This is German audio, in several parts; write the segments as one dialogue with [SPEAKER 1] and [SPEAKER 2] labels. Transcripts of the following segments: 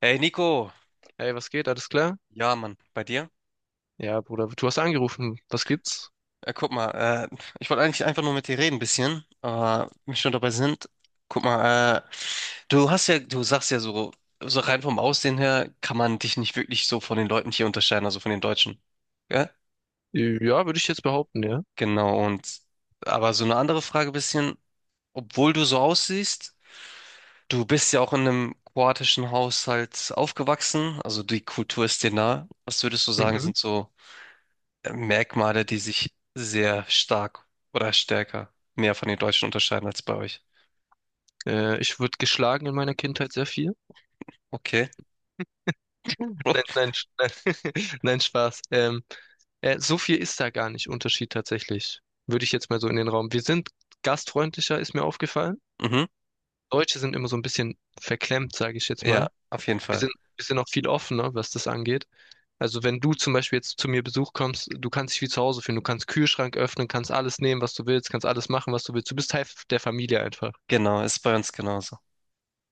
[SPEAKER 1] Hey Nico,
[SPEAKER 2] Hey, was geht? Alles klar?
[SPEAKER 1] ja Mann, bei dir?
[SPEAKER 2] Ja, Bruder, du hast angerufen. Was gibt's?
[SPEAKER 1] Guck mal, ich wollte eigentlich einfach nur mit dir reden ein bisschen, aber wenn wir schon dabei sind, guck mal, du sagst ja so, so rein vom Aussehen her kann man dich nicht wirklich so von den Leuten hier unterscheiden, also von den Deutschen. Ja?
[SPEAKER 2] Ja, würde ich jetzt behaupten, ja.
[SPEAKER 1] Genau, und aber so eine andere Frage bisschen, obwohl du so aussiehst, du bist ja auch in einem kroatischen Haushalt aufgewachsen, also die Kultur ist dir nah. Was würdest du sagen,
[SPEAKER 2] Mhm.
[SPEAKER 1] sind so Merkmale, die sich sehr stark oder stärker mehr von den Deutschen unterscheiden als bei euch.
[SPEAKER 2] Ich wurde geschlagen in meiner Kindheit sehr viel.
[SPEAKER 1] Okay.
[SPEAKER 2] Nein,
[SPEAKER 1] Uff.
[SPEAKER 2] nein, nein, Spaß. So viel ist da gar nicht Unterschied tatsächlich. Würde ich jetzt mal so in den Raum. Wir sind gastfreundlicher, ist mir aufgefallen.
[SPEAKER 1] Mhm.
[SPEAKER 2] Deutsche sind immer so ein bisschen verklemmt, sage ich jetzt
[SPEAKER 1] Ja,
[SPEAKER 2] mal.
[SPEAKER 1] auf jeden
[SPEAKER 2] Wir
[SPEAKER 1] Fall.
[SPEAKER 2] sind, wir sind auch viel offener, was das angeht. Also wenn du zum Beispiel jetzt zu mir Besuch kommst, du kannst dich wie zu Hause fühlen. Du kannst Kühlschrank öffnen, kannst alles nehmen, was du willst, kannst alles machen, was du willst. Du bist Teil der Familie einfach.
[SPEAKER 1] Genau, ist bei uns genauso.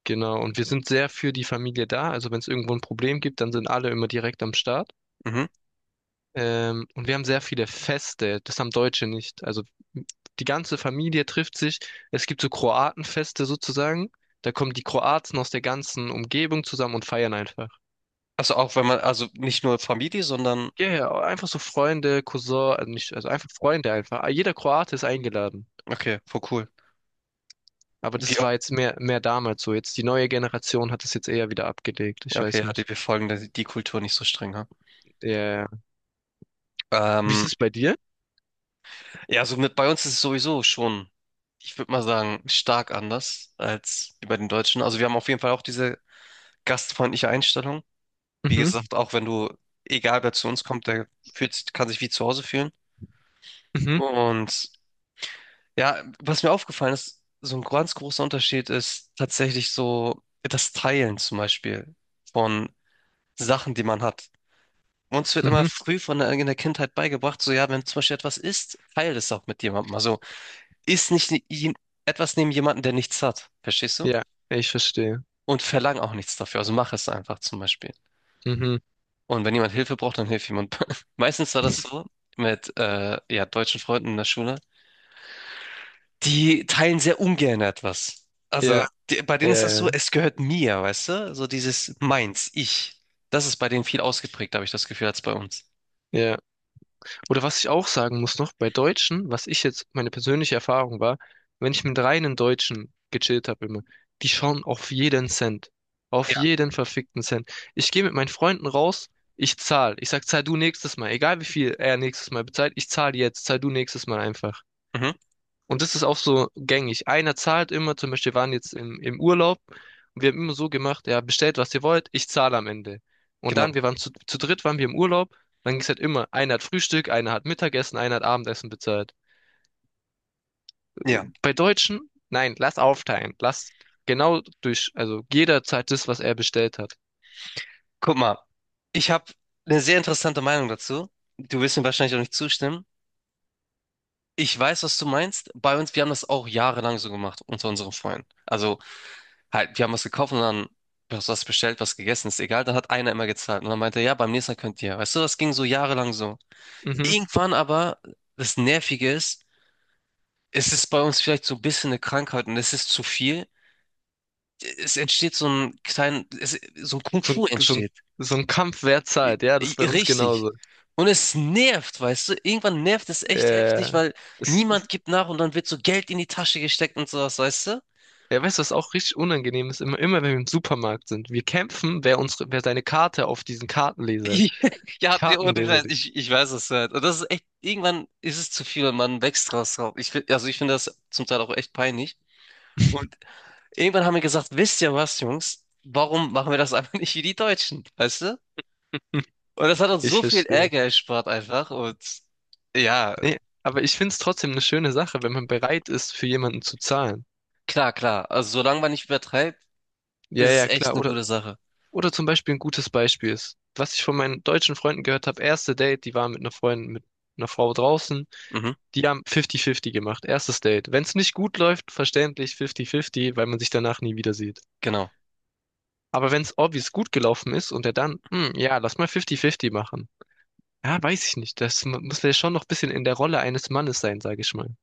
[SPEAKER 2] Genau. Und wir sind sehr für die Familie da. Also wenn es irgendwo ein Problem gibt, dann sind alle immer direkt am Start.
[SPEAKER 1] Mhm.
[SPEAKER 2] Und wir haben sehr viele Feste. Das haben Deutsche nicht. Also die ganze Familie trifft sich. Es gibt so Kroatenfeste sozusagen. Da kommen die Kroaten aus der ganzen Umgebung zusammen und feiern einfach.
[SPEAKER 1] Also auch wenn man, also nicht nur Familie, sondern,
[SPEAKER 2] Ja, ja, einfach so Freunde, Cousin, also nicht, also einfach Freunde einfach. Jeder Kroate ist eingeladen.
[SPEAKER 1] okay, voll cool.
[SPEAKER 2] Aber
[SPEAKER 1] Wie,
[SPEAKER 2] das
[SPEAKER 1] auch-
[SPEAKER 2] war jetzt mehr damals so. Jetzt die neue Generation hat das jetzt eher wieder abgelegt.
[SPEAKER 1] ja,
[SPEAKER 2] Ich
[SPEAKER 1] okay,
[SPEAKER 2] weiß
[SPEAKER 1] ja,
[SPEAKER 2] nicht.
[SPEAKER 1] wir folgen die Kultur nicht so streng, ha?
[SPEAKER 2] Ja, ja, ja. Wie ist
[SPEAKER 1] Ähm,
[SPEAKER 2] es bei dir?
[SPEAKER 1] ja, so mit bei uns ist es sowieso schon, ich würde mal sagen, stark anders als bei den Deutschen. Also wir haben auf jeden Fall auch diese gastfreundliche Einstellung. Wie
[SPEAKER 2] Mhm,
[SPEAKER 1] gesagt, auch wenn du, egal wer zu uns kommt, kann sich wie zu Hause fühlen.
[SPEAKER 2] mhm,
[SPEAKER 1] Und ja, was mir aufgefallen ist, so ein ganz großer Unterschied ist tatsächlich so das Teilen zum Beispiel von Sachen, die man hat. Uns wird immer
[SPEAKER 2] mhm.
[SPEAKER 1] früh von in der Kindheit beigebracht, so ja, wenn zum Beispiel etwas ist, teile es auch mit jemandem. Also isst nicht ne- jen- etwas neben jemandem, der nichts hat, verstehst du?
[SPEAKER 2] Ja, ich verstehe.
[SPEAKER 1] Und verlang auch nichts dafür. Also mach es einfach zum Beispiel.
[SPEAKER 2] Mhm.
[SPEAKER 1] Und wenn jemand Hilfe braucht, dann hilft jemand. Meistens war das so mit ja, deutschen Freunden in der Schule. Die teilen sehr ungern etwas. Also
[SPEAKER 2] Ja,
[SPEAKER 1] bei
[SPEAKER 2] ja,
[SPEAKER 1] denen ist
[SPEAKER 2] ja,
[SPEAKER 1] das so,
[SPEAKER 2] ja.
[SPEAKER 1] es gehört mir, weißt du? So dieses meins, ich. Das ist bei denen viel ausgeprägt, habe ich das Gefühl, als bei uns.
[SPEAKER 2] Ja. Oder was ich auch sagen muss noch, bei Deutschen, was ich jetzt, meine persönliche Erfahrung war, wenn ich mit reinen Deutschen gechillt habe immer, die schauen auf jeden Cent. Auf
[SPEAKER 1] Ja,
[SPEAKER 2] jeden verfickten Cent. Ich gehe mit meinen Freunden raus, ich zahl. Ich sag, zahl du nächstes Mal. Egal wie viel er nächstes Mal bezahlt, ich zahl jetzt, zahl du nächstes Mal einfach.
[SPEAKER 1] mhm,
[SPEAKER 2] Und das ist auch so gängig. Einer zahlt immer, zum Beispiel wir waren jetzt im Urlaub und wir haben immer so gemacht, ja, bestellt, was ihr wollt, ich zahle am Ende. Und dann,
[SPEAKER 1] genau.
[SPEAKER 2] wir waren zu dritt, waren wir im Urlaub, dann ging es halt immer, einer hat Frühstück, einer hat Mittagessen, einer hat Abendessen bezahlt.
[SPEAKER 1] Ja,
[SPEAKER 2] Bei Deutschen, nein, lass aufteilen, lass genau durch, also jeder zahlt das, was er bestellt hat.
[SPEAKER 1] guck mal. Ich habe eine sehr interessante Meinung dazu. Du wirst mir wahrscheinlich auch nicht zustimmen. Ich weiß, was du meinst. Bei uns, wir haben das auch jahrelang so gemacht unter unseren Freunden. Also Halt, wir haben was gekauft und dann was bestellt, was gegessen, ist egal. Dann hat einer immer gezahlt und dann meinte er, ja, beim nächsten Mal könnt ihr. Weißt du, das ging so jahrelang so.
[SPEAKER 2] Mhm.
[SPEAKER 1] Irgendwann aber, das Nervige ist, es ist bei uns vielleicht so ein bisschen eine Krankheit und es ist zu viel. Es entsteht so ein
[SPEAKER 2] So, ein-
[SPEAKER 1] Kung-Fu
[SPEAKER 2] so, ein-
[SPEAKER 1] entsteht.
[SPEAKER 2] so ein Kampf, wer zahlt, ja, das ist bei uns
[SPEAKER 1] Richtig.
[SPEAKER 2] genauso.
[SPEAKER 1] Und es nervt, weißt du? Irgendwann nervt es echt
[SPEAKER 2] Äh,
[SPEAKER 1] heftig, weil
[SPEAKER 2] es,
[SPEAKER 1] niemand gibt nach und dann wird so Geld in die Tasche gesteckt und sowas, weißt du?
[SPEAKER 2] Ja, weißt du, was auch richtig unangenehm ist? Immer wenn wir im Supermarkt sind. Wir kämpfen, wer seine Karte auf diesen
[SPEAKER 1] Ich- Ja, nee, ohne
[SPEAKER 2] Kartenleser
[SPEAKER 1] Scheiß,
[SPEAKER 2] legt.
[SPEAKER 1] ich weiß, was halt. Und das ist echt, irgendwann ist es zu viel und man wächst draus drauf. Also ich finde das zum Teil auch echt peinlich. Und irgendwann haben wir gesagt, wisst ihr was, Jungs, warum machen wir das einfach nicht wie die Deutschen, weißt du? Und das hat uns
[SPEAKER 2] Ich
[SPEAKER 1] so viel
[SPEAKER 2] verstehe.
[SPEAKER 1] Ärger erspart einfach. Und ja,
[SPEAKER 2] Nee, aber ich find's trotzdem eine schöne Sache, wenn man bereit ist, für jemanden zu zahlen.
[SPEAKER 1] klar, klar. Also solange man nicht übertreibt,
[SPEAKER 2] Ja,
[SPEAKER 1] ist es
[SPEAKER 2] ja,
[SPEAKER 1] echt
[SPEAKER 2] klar.
[SPEAKER 1] eine gute Sache.
[SPEAKER 2] Oder zum Beispiel ein gutes Beispiel ist, was ich von meinen deutschen Freunden gehört habe, erste Date, die waren mit einer Freundin, mit einer Frau draußen,
[SPEAKER 1] Mhm,
[SPEAKER 2] die haben 50-50 gemacht, erstes Date. Wenn es nicht gut läuft, verständlich 50-50, weil man sich danach nie wieder sieht.
[SPEAKER 1] genau.
[SPEAKER 2] Aber wenn es obvious gut gelaufen ist und er dann, hm, ja, lass mal 50-50 machen. Ja, weiß ich nicht. Das muss ja schon noch ein bisschen in der Rolle eines Mannes sein, sage ich mal.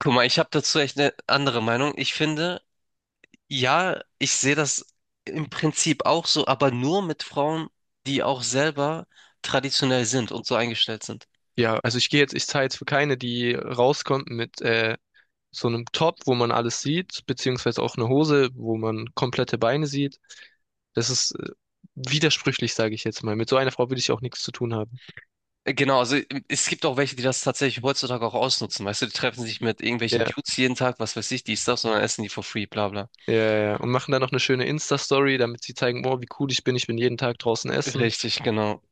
[SPEAKER 1] Guck mal, ich habe dazu echt eine andere Meinung. Ich finde, ja, ich sehe das im Prinzip auch so, aber nur mit Frauen, die auch selber traditionell sind und so eingestellt sind.
[SPEAKER 2] Ja, also ich gehe jetzt, ich zahle jetzt für keine, die rauskommt mit so einem Top, wo man alles sieht, beziehungsweise auch eine Hose, wo man komplette Beine sieht. Das ist widersprüchlich, sage ich jetzt mal. Mit so einer Frau will ich auch nichts zu tun haben.
[SPEAKER 1] Genau, also es gibt auch welche, die das tatsächlich heutzutage auch ausnutzen. Weißt du, die treffen sich mit irgendwelchen
[SPEAKER 2] Ja,
[SPEAKER 1] Dudes jeden Tag, was weiß ich, dies, das, und dann essen die for free, bla bla.
[SPEAKER 2] ja, ja. Und machen dann noch eine schöne Insta-Story, damit sie zeigen, boah, wie cool ich bin jeden Tag draußen essen.
[SPEAKER 1] Richtig, genau.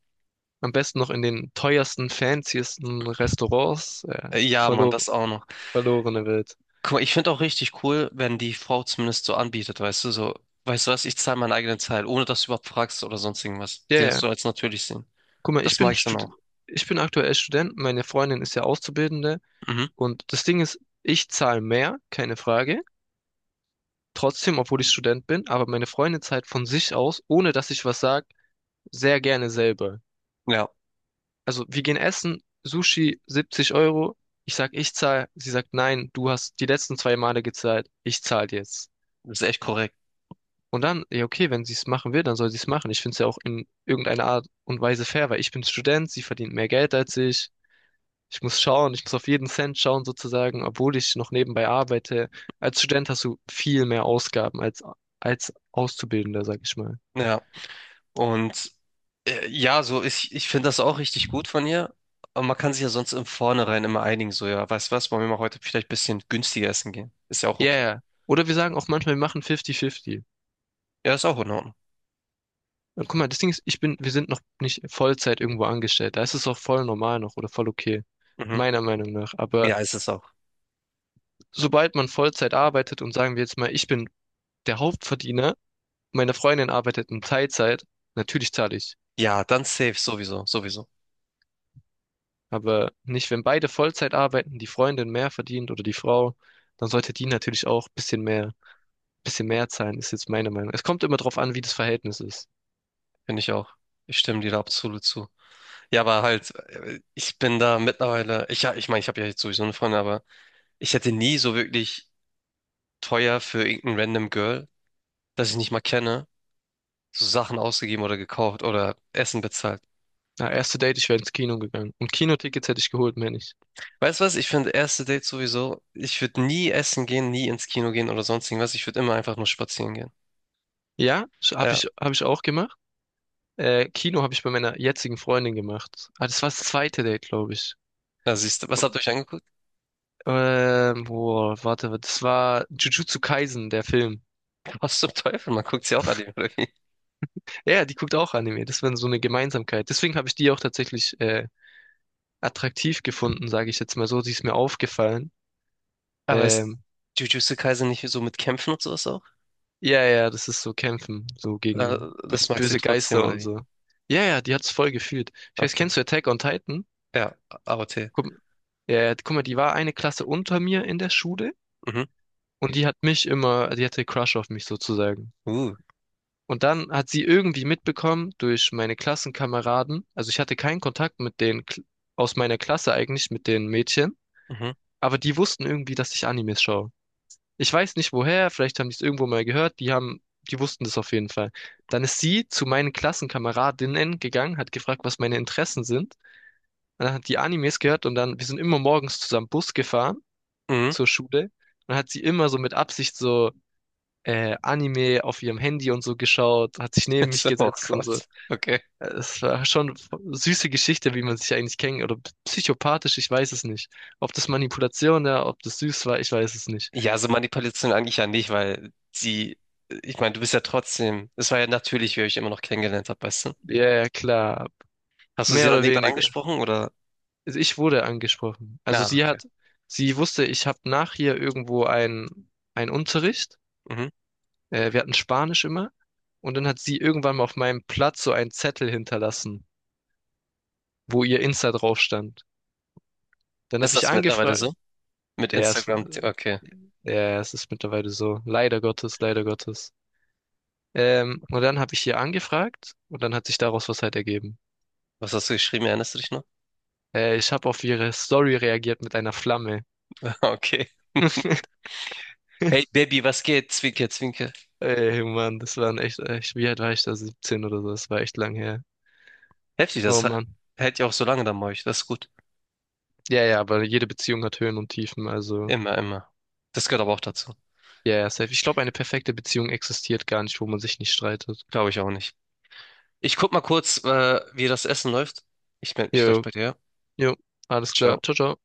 [SPEAKER 2] Am besten noch in den teuersten, fancysten Restaurants. Ja,
[SPEAKER 1] Ja, Mann, das auch noch.
[SPEAKER 2] verlorene Welt.
[SPEAKER 1] Guck mal, ich finde auch richtig cool, wenn die Frau zumindest so anbietet, weißt du, so, weißt du was, ich zahle meinen eigenen Teil, ohne dass du überhaupt fragst oder sonst irgendwas.
[SPEAKER 2] Ja,
[SPEAKER 1] Die das
[SPEAKER 2] ja.
[SPEAKER 1] so als natürlich sehen.
[SPEAKER 2] Guck mal, ich
[SPEAKER 1] Das
[SPEAKER 2] bin
[SPEAKER 1] mag ich dann
[SPEAKER 2] Stud
[SPEAKER 1] auch.
[SPEAKER 2] Ich bin aktuell Student, meine Freundin ist ja Auszubildende
[SPEAKER 1] Mhm.
[SPEAKER 2] und das Ding ist, ich zahle mehr, keine Frage. Trotzdem, obwohl ich Student bin, aber meine Freundin zahlt von sich aus, ohne dass ich was sage, sehr gerne selber.
[SPEAKER 1] Ja,
[SPEAKER 2] Also wir gehen essen, Sushi 70 Euro. Ich sag, ich zahle. Sie sagt, nein, du hast die letzten zwei Male gezahlt. Ich zahle jetzt.
[SPEAKER 1] das ist echt korrekt.
[SPEAKER 2] Und dann, ja, okay, wenn sie es machen will, dann soll sie es machen. Ich finde es ja auch in irgendeiner Art und Weise fair, weil ich bin Student, sie verdient mehr Geld als ich. Ich muss schauen, ich muss auf jeden Cent schauen sozusagen, obwohl ich noch nebenbei arbeite. Als Student hast du viel mehr Ausgaben als Auszubildender, sag ich mal.
[SPEAKER 1] Ja, und ja, ich finde das auch richtig gut von ihr. Aber man kann sich ja sonst im Vornherein immer einigen, so ja, weißt du was, wollen wir mal heute vielleicht ein bisschen günstiger essen gehen? Ist ja auch
[SPEAKER 2] Ja,
[SPEAKER 1] okay.
[SPEAKER 2] yeah. Oder wir sagen auch manchmal, wir machen 50-50.
[SPEAKER 1] Ja, ist auch in Ordnung.
[SPEAKER 2] Und guck mal, das Ding ist, wir sind noch nicht Vollzeit irgendwo angestellt. Da ist es auch voll normal noch oder voll okay.
[SPEAKER 1] Mhm.
[SPEAKER 2] Meiner Meinung nach. Aber
[SPEAKER 1] Ja, ist es auch.
[SPEAKER 2] sobald man Vollzeit arbeitet und sagen wir jetzt mal, ich bin der Hauptverdiener, meine Freundin arbeitet in Teilzeit. Natürlich zahle ich.
[SPEAKER 1] Ja, dann safe, sowieso, sowieso.
[SPEAKER 2] Aber nicht, wenn beide Vollzeit arbeiten, die Freundin mehr verdient oder die Frau, dann sollte die natürlich auch ein bisschen mehr zahlen, ist jetzt meine Meinung. Es kommt immer drauf an, wie das Verhältnis ist.
[SPEAKER 1] Finde ich auch. Ich stimme dir da absolut zu. Ja, aber halt, ich bin da mittlerweile, ich meine, ich habe ja jetzt sowieso eine Freundin, aber ich hätte nie so wirklich teuer für irgendein random Girl, das ich nicht mal kenne, so Sachen ausgegeben oder gekauft oder Essen bezahlt.
[SPEAKER 2] Na, erste Date, ich wäre ins Kino gegangen. Und Kinotickets hätte ich geholt, mehr nicht.
[SPEAKER 1] Weißt du was? Ich finde erste Dates sowieso, ich würde nie essen gehen, nie ins Kino gehen oder sonst irgendwas. Ich würde immer einfach nur spazieren gehen.
[SPEAKER 2] Ja,
[SPEAKER 1] Ja.
[SPEAKER 2] hab ich auch gemacht. Kino habe ich bei meiner jetzigen Freundin gemacht. Ah, das war das zweite Date, glaube ich.
[SPEAKER 1] Na, siehst du, was habt ihr euch angeguckt?
[SPEAKER 2] Boah, warte, das war Jujutsu Kaisen, der Film.
[SPEAKER 1] Was zum Teufel? Man guckt sie auch an, oder wie?
[SPEAKER 2] Ja, die guckt auch Anime. Das war so eine Gemeinsamkeit. Deswegen habe ich die auch tatsächlich attraktiv gefunden, sage ich jetzt mal so. Die ist mir aufgefallen.
[SPEAKER 1] Aber ist
[SPEAKER 2] Ähm,
[SPEAKER 1] Jujutsu Kaisen nicht so mit Kämpfen und sowas auch?
[SPEAKER 2] ja, ja, das ist so Kämpfen, so
[SPEAKER 1] Äh,
[SPEAKER 2] gegen
[SPEAKER 1] Das magst du
[SPEAKER 2] böse
[SPEAKER 1] trotzdem,
[SPEAKER 2] Geister
[SPEAKER 1] oder
[SPEAKER 2] und
[SPEAKER 1] wie?
[SPEAKER 2] so. Ja, ja, die hat's voll gefühlt. Ich weiß,
[SPEAKER 1] Okay.
[SPEAKER 2] kennst du Attack on Titan?
[SPEAKER 1] Ja, AOT.
[SPEAKER 2] Guck, ja, ja, guck mal, die war eine Klasse unter mir in der Schule
[SPEAKER 1] Mhm.
[SPEAKER 2] und die hat mich immer, die hatte Crush auf mich sozusagen.
[SPEAKER 1] Uh.
[SPEAKER 2] Und dann hat sie irgendwie mitbekommen durch meine Klassenkameraden, also ich hatte keinen Kontakt mit den aus meiner Klasse eigentlich, mit den Mädchen.
[SPEAKER 1] Mhm.
[SPEAKER 2] Aber die wussten irgendwie, dass ich Animes schaue. Ich weiß nicht woher, vielleicht haben die es irgendwo mal gehört, die wussten das auf jeden Fall. Dann ist sie zu meinen Klassenkameradinnen gegangen, hat gefragt, was meine Interessen sind. Und dann hat die Animes gehört und dann, wir sind immer morgens zusammen Bus gefahren
[SPEAKER 1] Mhm.
[SPEAKER 2] zur Schule. Und dann hat sie immer so mit Absicht so Anime auf ihrem Handy und so geschaut, hat sich neben mich
[SPEAKER 1] So, oh
[SPEAKER 2] gesetzt und so.
[SPEAKER 1] Gott. Okay.
[SPEAKER 2] Es war schon eine süße Geschichte, wie man sich eigentlich kennt. Oder psychopathisch, ich weiß es nicht. Ob das Manipulation war, ob das süß war, ich weiß es nicht.
[SPEAKER 1] Ja, so Manipulation eigentlich ja nicht, weil sie, ich meine, du bist ja trotzdem, es war ja natürlich, wie ihr euch immer noch kennengelernt habt, weißt du?
[SPEAKER 2] Ja, ja, klar.
[SPEAKER 1] Hast du sie
[SPEAKER 2] Mehr
[SPEAKER 1] dann
[SPEAKER 2] oder
[SPEAKER 1] irgendwann
[SPEAKER 2] weniger.
[SPEAKER 1] angesprochen oder?
[SPEAKER 2] Also ich wurde angesprochen.
[SPEAKER 1] Ah, okay.
[SPEAKER 2] Sie wusste, ich habe nach hier irgendwo einen Unterricht.
[SPEAKER 1] Mhm.
[SPEAKER 2] Wir hatten Spanisch immer. Und dann hat sie irgendwann mal auf meinem Platz so einen Zettel hinterlassen, wo ihr Insta drauf stand. Dann
[SPEAKER 1] Ist
[SPEAKER 2] habe ich
[SPEAKER 1] das mittlerweile
[SPEAKER 2] angefragt.
[SPEAKER 1] so? Mit
[SPEAKER 2] Ja, es,
[SPEAKER 1] Instagram? Okay.
[SPEAKER 2] ja, es ist mittlerweile so. Leider Gottes, leider Gottes. Und dann habe ich ihr angefragt und dann hat sich daraus was halt ergeben.
[SPEAKER 1] Was hast du geschrieben? Erinnerst du dich noch?
[SPEAKER 2] Ich habe auf ihre Story reagiert mit einer Flamme.
[SPEAKER 1] Okay. Hey, Baby, was geht? Zwinker, zwinker.
[SPEAKER 2] Ey, Mann, das waren echt, wie alt war ich da? 17 oder so, das war echt lang her.
[SPEAKER 1] Heftig,
[SPEAKER 2] Oh Mann.
[SPEAKER 1] hält ja auch so lange dann bei euch. Das ist gut.
[SPEAKER 2] Ja, ja, aber jede Beziehung hat Höhen und Tiefen, also.
[SPEAKER 1] Immer, immer. Das gehört aber auch dazu.
[SPEAKER 2] Ja, ja, safe. Ich glaube, eine perfekte Beziehung existiert gar nicht, wo man sich nicht streitet.
[SPEAKER 1] Glaube ich auch nicht. Ich guck mal kurz, wie das Essen läuft. Ich melde mich gleich
[SPEAKER 2] Jo,
[SPEAKER 1] bei dir.
[SPEAKER 2] jo, alles klar.
[SPEAKER 1] Ciao.
[SPEAKER 2] Ciao, ciao.